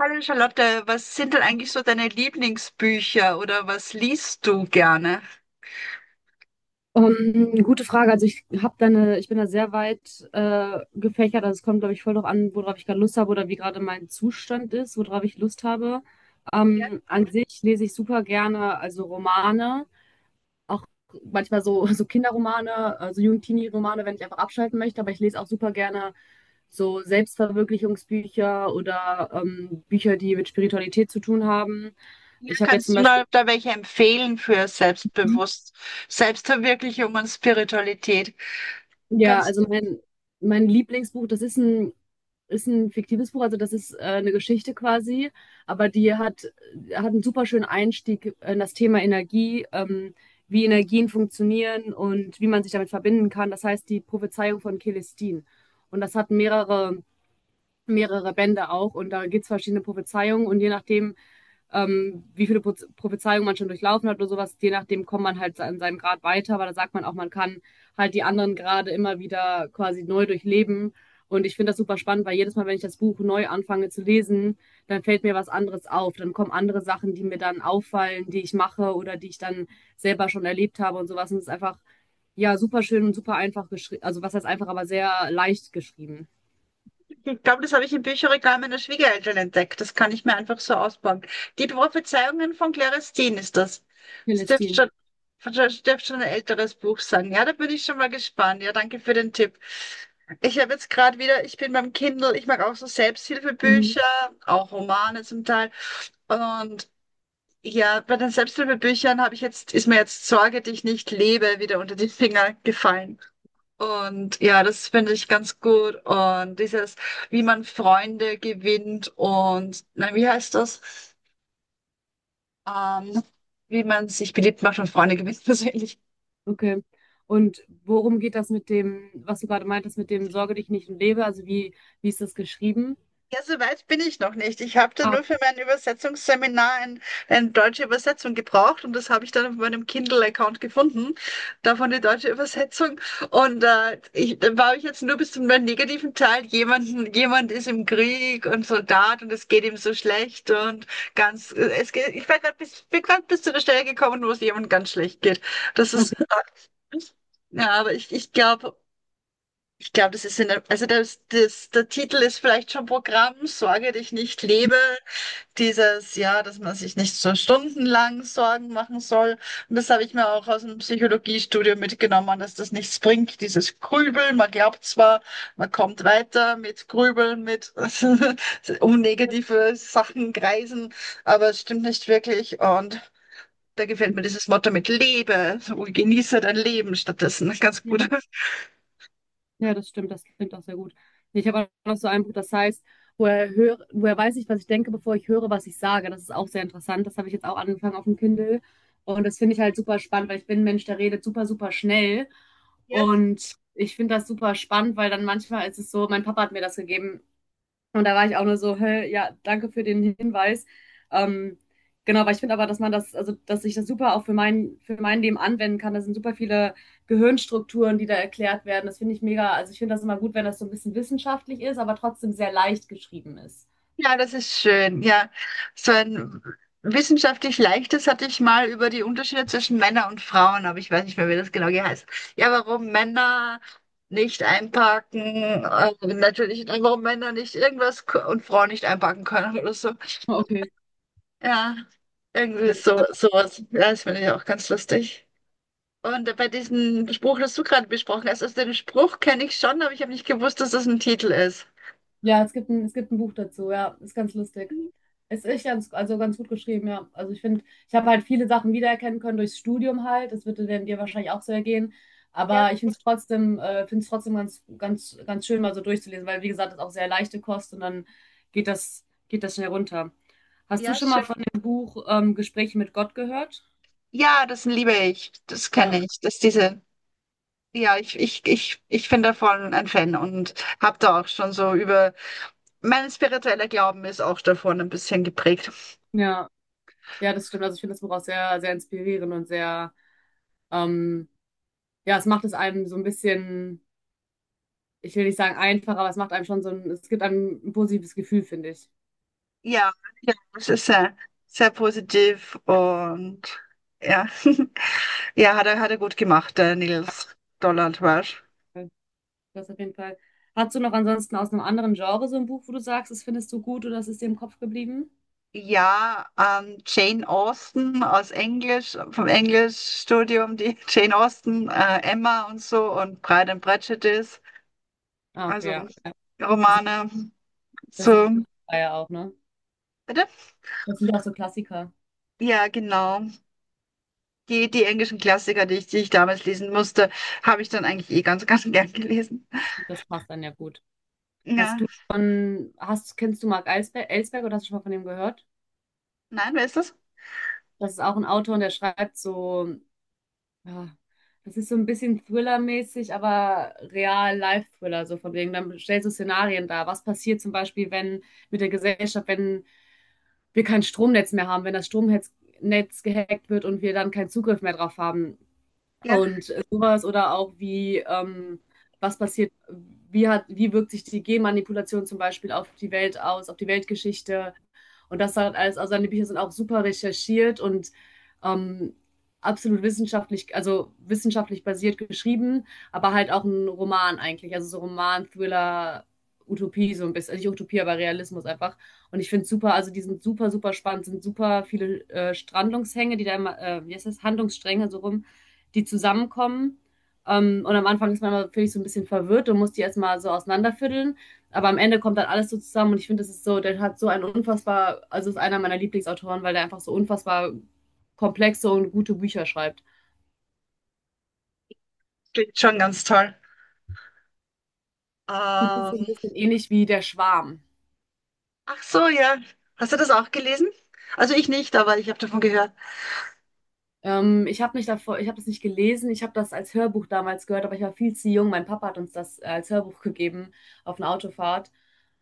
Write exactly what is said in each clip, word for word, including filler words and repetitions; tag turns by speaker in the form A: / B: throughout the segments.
A: Hallo Charlotte, was sind denn eigentlich so deine Lieblingsbücher oder was liest du gerne?
B: Ähm, gute Frage. Also ich habe da eine, ich bin da sehr weit äh, gefächert. Also es kommt, glaube ich, voll drauf an, worauf ich gerade Lust habe oder wie gerade mein Zustand ist, worauf ich Lust habe.
A: Ja,
B: Ähm, an sich lese ich super gerne, also Romane, auch manchmal so, so Kinderromane, also Jugendtini-Romane, wenn ich einfach abschalten möchte. Aber ich lese auch super gerne so Selbstverwirklichungsbücher oder ähm, Bücher, die mit Spiritualität zu tun haben.
A: ja,
B: Ich habe jetzt zum
A: kannst du mal
B: Beispiel
A: da welche empfehlen für Selbstbewusst, Selbstverwirklichung und Spiritualität?
B: Ja, also
A: Kannst
B: mein, mein Lieblingsbuch, das ist ein, ist ein fiktives Buch, also das ist äh, eine Geschichte quasi, aber die hat, hat einen super schönen Einstieg in das Thema Energie, ähm, wie Energien funktionieren und wie man sich damit verbinden kann. Das heißt die Prophezeiung von Celestine. Und das hat mehrere, mehrere Bände auch und da gibt es verschiedene Prophezeiungen und je nachdem, ähm, wie viele Prophezeiungen man schon durchlaufen hat oder sowas. Je nachdem kommt man halt an seinem Grad weiter, aber da sagt man auch, man kann halt die anderen Grade immer wieder quasi neu durchleben. Und ich finde das super spannend, weil jedes Mal, wenn ich das Buch neu anfange zu lesen, dann fällt mir was anderes auf. Dann kommen andere Sachen, die mir dann auffallen, die ich mache oder die ich dann selber schon erlebt habe und sowas. Und es ist einfach, ja, super schön und super einfach geschrieben. Also was heißt einfach, aber sehr leicht geschrieben.
A: Ich glaube, das habe ich im Bücherregal meiner Schwiegereltern entdeckt. Das kann ich mir einfach so ausbauen. Die Prophezeiungen von Claristin ist das. Das dürfte
B: Celestine.
A: schon, das dürfte schon ein älteres Buch sein. Ja, da bin ich schon mal gespannt. Ja, danke für den Tipp. Ich habe jetzt gerade wieder, Ich bin beim Kindle, ich mag auch so Selbsthilfebücher,
B: Mhm.
A: auch Romane zum Teil. Und ja, bei den Selbsthilfebüchern habe ich jetzt, ist mir jetzt Sorge, dich nicht lebe, wieder unter die Finger gefallen. Und ja, das finde ich ganz gut. Und dieses, wie man Freunde gewinnt und, nein, wie heißt das? Ähm, Wie man sich beliebt macht und Freunde gewinnt, persönlich.
B: Okay. Und worum geht das mit dem, was du gerade meintest, mit dem Sorge dich nicht und lebe? Also wie, wie ist das geschrieben?
A: Ja, so weit bin ich noch nicht. Ich habe da
B: Ah,
A: nur für mein Übersetzungsseminar ein, eine deutsche Übersetzung gebraucht und das habe ich dann auf meinem Kindle-Account gefunden, davon die deutsche Übersetzung. Und äh, ich, da war ich jetzt nur bis zum negativen Teil. Jemanden, jemand ist im Krieg und Soldat und es geht ihm so schlecht und ganz, es geht, ich war grad bis, bin gerade bis zu der Stelle gekommen, wo es jemandem ganz schlecht geht. Das
B: okay.
A: ist, ja, aber ich, ich glaube, ich glaube, das ist in der, also das, das, der Titel ist vielleicht schon Programm, Sorge dich nicht, lebe. Dieses, ja, dass man sich nicht so stundenlang Sorgen machen soll. Und das habe ich mir auch aus dem Psychologiestudium mitgenommen, dass das nichts bringt, dieses Grübeln. Man glaubt zwar, man kommt weiter mit Grübeln, mit um negative Sachen kreisen, aber es stimmt nicht wirklich. Und da gefällt mir dieses Motto mit lebe und genieße dein Leben stattdessen ganz
B: Ja,
A: gut.
B: ja, das stimmt, das klingt auch sehr gut. Ich habe auch noch so ein Buch, das heißt, woher höre, woher weiß ich, was ich denke, bevor ich höre, was ich sage. Das ist auch sehr interessant. Das habe ich jetzt auch angefangen auf dem Kindle. Und das finde ich halt super spannend, weil ich bin ein Mensch, der redet super, super schnell.
A: Ja.
B: Und ich finde das super spannend, weil dann manchmal ist es so, mein Papa hat mir das gegeben. Und da war ich auch nur so, hä, ja, danke für den Hinweis. Ähm, genau, weil ich finde aber, dass man das, also dass ich das super auch für mein, für mein Leben anwenden kann. Da sind super viele Gehirnstrukturen, die da erklärt werden. Das finde ich mega, also ich finde das immer gut, wenn das so ein bisschen wissenschaftlich ist, aber trotzdem sehr leicht geschrieben ist.
A: Ja, das ist schön. Ja, so ein wissenschaftlich leichtes hatte ich mal über die Unterschiede zwischen Männern und Frauen, aber ich weiß nicht mehr, wie das genau geheißen. Ja, warum Männer nicht einparken, äh, natürlich, warum Männer nicht irgendwas k- und Frauen nicht einparken können oder so.
B: Okay.
A: Ja, irgendwie so,
B: Ja.
A: sowas. Ja, das finde ich auch ganz lustig. Und bei diesem Spruch, das du gerade besprochen hast, also den Spruch kenne ich schon, aber ich habe nicht gewusst, dass das ein Titel ist.
B: Ja, es gibt ein, es gibt ein Buch dazu, ja, ist ganz lustig.
A: Mhm.
B: Es ist ganz, also ganz gut geschrieben, ja. Also ich finde, ich habe halt viele Sachen wiedererkennen können durchs Studium halt. Das würde dann dir wahrscheinlich auch so ergehen.
A: Ja,
B: Aber ich finde es trotzdem, äh, finde es trotzdem ganz, ganz, ganz schön, mal so durchzulesen, weil wie gesagt, das ist auch sehr leichte Kost und dann geht das, geht das schnell runter. Hast du
A: ja,
B: schon
A: schön.
B: mal von dem Buch ähm, Gespräche mit Gott gehört?
A: Ja, das liebe ich. Das
B: Ja,
A: kenne ich. Das diese, ja, ich, ich, ich, ich bin davon ein Fan und habe da auch schon so über, mein spiritueller Glauben ist auch davon ein bisschen geprägt.
B: ja, ja, das stimmt. Also ich finde das Buch auch sehr, sehr inspirierend und sehr, ähm, ja, es macht es einem so ein bisschen. Ich will nicht sagen einfach, aber es macht einem schon so ein, es gibt einem ein positives Gefühl, finde ich.
A: Ja, ja, es ist sehr, sehr positiv und ja, ja, hat er, hat er gut gemacht, der Nils Donald Walsh.
B: Das auf jeden Fall. Hast du noch ansonsten aus einem anderen Genre so ein Buch, wo du sagst, das findest du gut oder das ist dir im Kopf geblieben?
A: Ja, ähm, Jane Austen aus Englisch, vom Englischstudium, die Jane Austen, äh, Emma und so und Pride and Prejudice.
B: Ah, okay,
A: Also.
B: ja. Ja, Das sind,
A: Romane.
B: das sind so
A: So,
B: Klassiker ja auch, ne?
A: bitte?
B: Das sind auch so Klassiker.
A: Ja, genau. Die, die englischen Klassiker, die ich, die ich damals lesen musste, habe ich dann eigentlich eh ganz, ganz gern gelesen.
B: Das passt dann ja gut. Hast
A: Ja,
B: du von, hast, kennst du Mark Elsberg, Elsberg oder hast du schon mal von dem gehört?
A: nein, wer ist das?
B: Das ist auch ein Autor und der schreibt so. Ja, das ist so ein bisschen Thriller-mäßig, aber Real-Life-Thriller, so von wegen. Dann stellst du Szenarien dar. Was passiert zum Beispiel, wenn mit der Gesellschaft, wenn wir kein Stromnetz mehr haben, wenn das Stromnetz Netz gehackt wird und wir dann keinen Zugriff mehr drauf haben?
A: Ja,
B: Und sowas oder auch wie, ähm, was passiert, wie hat, wie wirkt sich die Genmanipulation zum Beispiel auf die Welt aus, auf die Weltgeschichte und das halt alles. Also seine Bücher sind auch super recherchiert und ähm, absolut wissenschaftlich, also wissenschaftlich basiert geschrieben, aber halt auch ein Roman eigentlich, also so Roman, Thriller, Utopie so ein bisschen, also nicht Utopie, aber Realismus einfach. Und ich finde es super, also die sind super, super spannend, sind super viele äh, Strandungshänge, die da immer, äh, wie heißt das, Handlungsstränge so rum, die zusammenkommen. Ähm, und am Anfang ist man immer, finde so ein bisschen verwirrt und muss die erstmal so auseinanderfütteln. Aber am Ende kommt dann alles so zusammen und ich finde, das ist so, der hat so einen unfassbar, also ist einer meiner Lieblingsautoren, weil der einfach so unfassbar komplexe und gute Bücher schreibt.
A: klingt schon ganz toll.
B: Das ist
A: Ähm,
B: so ein bisschen ähnlich wie Der Schwarm.
A: Ach so, ja. Hast du das auch gelesen? Also ich nicht, aber ich habe davon gehört.
B: Ähm, ich habe nicht davor, ich habe das nicht gelesen, ich habe das als Hörbuch damals gehört, aber ich war viel zu jung. Mein Papa hat uns das äh, als Hörbuch gegeben auf einer Autofahrt.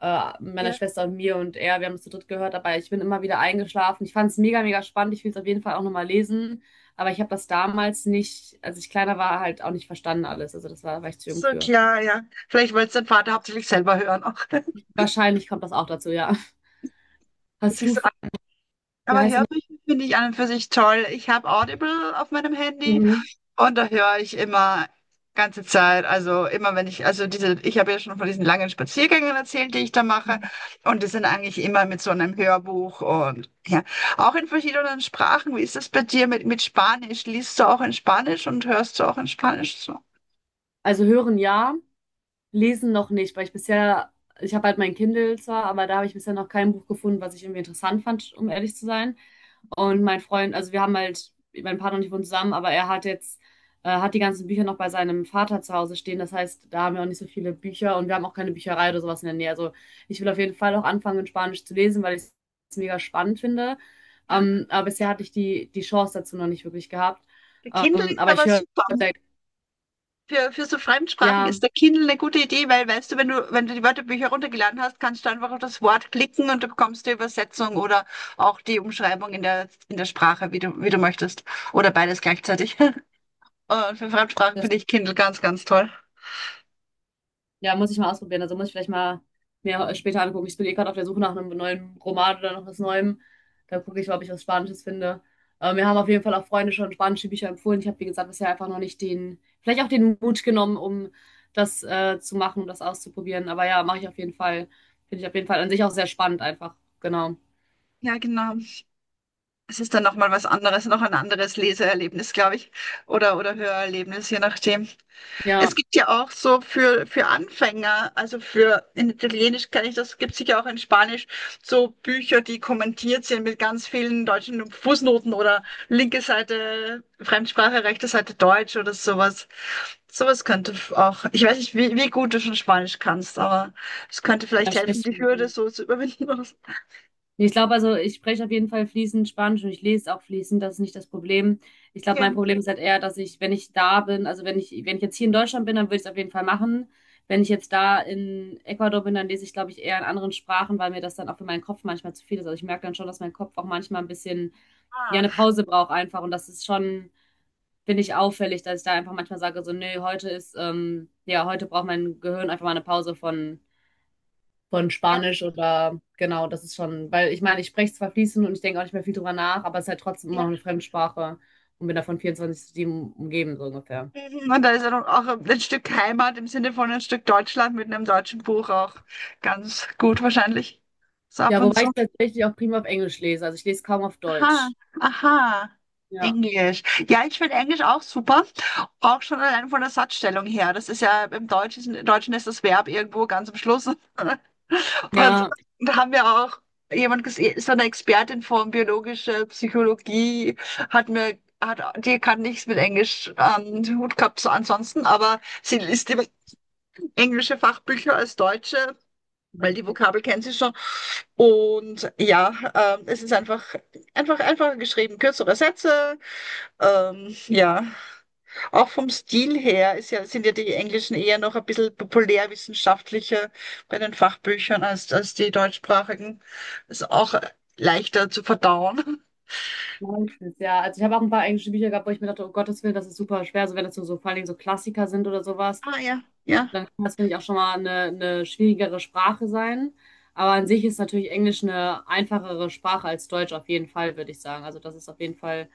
B: äh, meiner
A: Ja,
B: Schwester und mir und er, wir haben es zu dritt gehört, aber ich bin immer wieder eingeschlafen. Ich fand es mega, mega spannend. Ich will es auf jeden Fall auch nochmal lesen. Aber ich habe das damals nicht, als ich kleiner war, halt auch nicht verstanden alles. Also das war, war ich zu jung
A: so
B: für.
A: klar, ja. Vielleicht wollte es dein Vater hauptsächlich selber hören auch.
B: Wahrscheinlich kommt das auch dazu, ja. Hast du, wie
A: Aber
B: heißt denn
A: Hörbücher finde ich an und für sich toll. Ich habe Audible auf meinem
B: das?
A: Handy
B: Mhm.
A: und da höre ich immer ganze Zeit. Also immer wenn ich, also diese, ich habe ja schon von diesen langen Spaziergängen erzählt, die ich da mache. Und die sind eigentlich immer mit so einem Hörbuch und ja, auch in verschiedenen Sprachen. Wie ist das bei dir mit, mit, Spanisch? Liest du auch in Spanisch und hörst du auch in Spanisch so?
B: Also hören ja, lesen noch nicht, weil ich bisher, ich habe halt mein Kindle zwar, aber da habe ich bisher noch kein Buch gefunden, was ich irgendwie interessant fand, um ehrlich zu sein. Und mein Freund, also wir haben halt, mein Partner und ich wohnen zusammen, aber er hat jetzt, äh, hat die ganzen Bücher noch bei seinem Vater zu Hause stehen. Das heißt, da haben wir auch nicht so viele Bücher und wir haben auch keine Bücherei oder sowas in der Nähe. Also ich will auf jeden Fall auch anfangen, in Spanisch zu lesen, weil ich es mega spannend finde.
A: Ja,
B: Ähm, aber bisher hatte ich die, die Chance dazu noch nicht wirklich gehabt.
A: der Kindle
B: Ähm,
A: ist
B: aber ich
A: aber
B: höre,
A: super. Für, für so Fremdsprachen
B: ja,
A: ist der Kindle eine gute Idee, weil weißt du, wenn du, wenn du die Wörterbücher runtergeladen hast, kannst du einfach auf das Wort klicken und du bekommst die Übersetzung oder auch die Umschreibung in der, in der, Sprache, wie du, wie du möchtest. Oder beides gleichzeitig. Und für Fremdsprachen
B: das.
A: finde ich Kindle ganz, ganz toll.
B: Ja, muss ich mal ausprobieren. Also muss ich vielleicht mal mir später angucken. Ich bin eh gerade auf der Suche nach einem neuen Roman oder noch was Neuem. Da gucke ich mal, ob ich was Spanisches finde. Äh, mir haben auf jeden Fall auch Freunde schon spanische Bücher empfohlen. Ich habe, wie gesagt, bisher einfach noch nicht den, vielleicht auch den Mut genommen, um das äh, zu machen, um das auszuprobieren. Aber ja, mache ich auf jeden Fall. Finde ich auf jeden Fall an sich auch sehr spannend einfach. Genau.
A: Ja, genau. Es ist dann nochmal was anderes, noch ein anderes Leseerlebnis, glaube ich. Oder, oder Hörerlebnis, je nachdem.
B: Ja,
A: Es gibt ja auch so für, für, Anfänger, also für in Italienisch kann ich das, gibt es sicher auch in Spanisch, so Bücher, die kommentiert sind mit ganz vielen deutschen Fußnoten oder linke Seite Fremdsprache, rechte Seite Deutsch oder sowas. Sowas könnte f- auch, ich weiß nicht, wie, wie gut du schon Spanisch kannst, aber es könnte
B: da
A: vielleicht helfen,
B: sprichst
A: die Hürde
B: du.
A: so zu überwinden.
B: Ich glaube, also ich spreche auf jeden Fall fließend Spanisch und ich lese auch fließend, das ist nicht das Problem. Ich glaube, mein Problem ist halt eher, dass ich, wenn ich da bin, also wenn ich, wenn ich, jetzt hier in Deutschland bin, dann würde ich es auf jeden Fall machen. Wenn ich jetzt da in Ecuador bin, dann lese ich, glaube ich, eher in anderen Sprachen, weil mir das dann auch für meinen Kopf manchmal zu viel ist. Also ich merke dann schon, dass mein Kopf auch manchmal ein bisschen, ja, eine Pause braucht einfach. Und das ist schon, finde ich, auffällig, dass ich da einfach manchmal sage, so, nee, heute ist, ähm, ja, heute braucht mein Gehirn einfach mal eine Pause von von
A: ja,
B: Spanisch oder genau, das ist schon, weil ich meine, ich spreche zwar fließend und ich denke auch nicht mehr viel drüber nach, aber es ist halt trotzdem immer
A: ja.
B: noch eine Fremdsprache und bin davon vierundzwanzig sieben umgeben, so ungefähr.
A: Mhm. Und da ist ja noch auch ein Stück Heimat im Sinne von ein Stück Deutschland mit einem deutschen Buch auch ganz gut wahrscheinlich. So ab
B: Ja,
A: und
B: wobei
A: zu.
B: ich tatsächlich auch prima auf Englisch lese, also ich lese kaum auf
A: Aha,
B: Deutsch.
A: aha.
B: Ja,
A: Englisch. Ja, ich finde Englisch auch super. Auch schon allein von der Satzstellung her. Das ist ja im Deutschen, im Deutschen ist das Verb irgendwo ganz am Schluss. Und
B: ja,
A: da haben wir auch jemand gesehen, so eine Expertin von biologischer Psychologie hat mir, hat, die kann nichts mit Englisch am Hut gehabt, so ansonsten, aber sie ist die englische Fachbücher als deutsche, weil die
B: witzig.
A: Vokabel kennen sie schon. Und ja, ähm, es ist einfach, einfach einfacher geschrieben, kürzere Sätze. Ähm, ja, auch vom Stil her ist ja, sind ja die Englischen eher noch ein bisschen populärwissenschaftlicher bei den Fachbüchern als, als die deutschsprachigen. Ist auch leichter zu verdauen.
B: Meistens, ja. Also ich habe auch ein paar englische Bücher gehabt, wo ich mir dachte, oh Gottes Willen, das ist super schwer, so wenn das so, so vor allen Dingen so Klassiker sind oder sowas.
A: Ah ja, ja,
B: Dann kann das, finde ich, auch schon mal eine, eine schwierigere Sprache sein. Aber an sich ist natürlich Englisch eine einfachere Sprache als Deutsch auf jeden Fall, würde ich sagen. Also das ist auf jeden Fall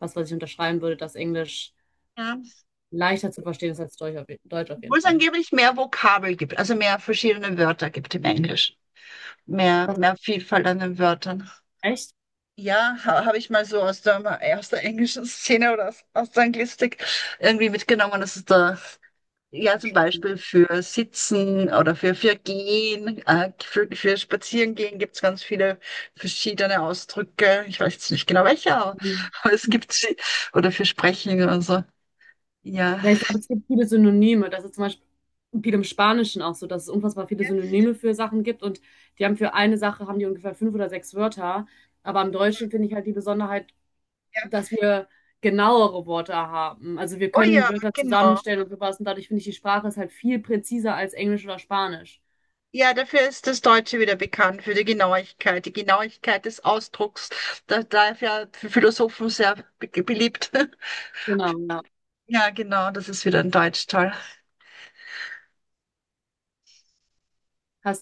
B: was, was ich unterschreiben würde, dass Englisch
A: ja.
B: leichter zu verstehen ist als Deutsch auf, je- Deutsch auf
A: Obwohl
B: jeden
A: es
B: Fall.
A: angeblich mehr Vokabel gibt, also mehr verschiedene Wörter gibt im Englischen. Mehr, mehr Vielfalt an den Wörtern.
B: Echt?
A: Ja, ha, habe ich mal so aus der, aus der, englischen Szene oder aus, aus der Anglistik irgendwie mitgenommen. Das ist da. Ja, zum Beispiel für Sitzen oder für, für Gehen, äh, für, für Spazierengehen gibt es ganz viele verschiedene Ausdrücke. Ich weiß jetzt nicht genau welche, aber,
B: Mhm.
A: aber es gibt sie. Oder für Sprechen oder so. Ja.
B: Ja, ich glaube, es gibt viele Synonyme. Das ist zum Beispiel viel im Spanischen auch so, dass es unfassbar viele Synonyme für Sachen gibt und die haben für eine Sache, haben die ungefähr fünf oder sechs Wörter. Aber im Deutschen finde ich halt die Besonderheit,
A: Ja.
B: dass wir genauere Wörter haben. Also wir
A: Oh
B: können
A: ja,
B: Wörter
A: genau.
B: zusammenstellen und sowas und dadurch finde ich, die Sprache ist halt viel präziser als Englisch oder Spanisch.
A: Ja, dafür ist das Deutsche wieder bekannt, für die Genauigkeit, die Genauigkeit des Ausdrucks. Da, da ist ja für Philosophen sehr be beliebt.
B: Genau, ja.
A: Ja, genau, das ist wieder ein Deutschteil.
B: Hast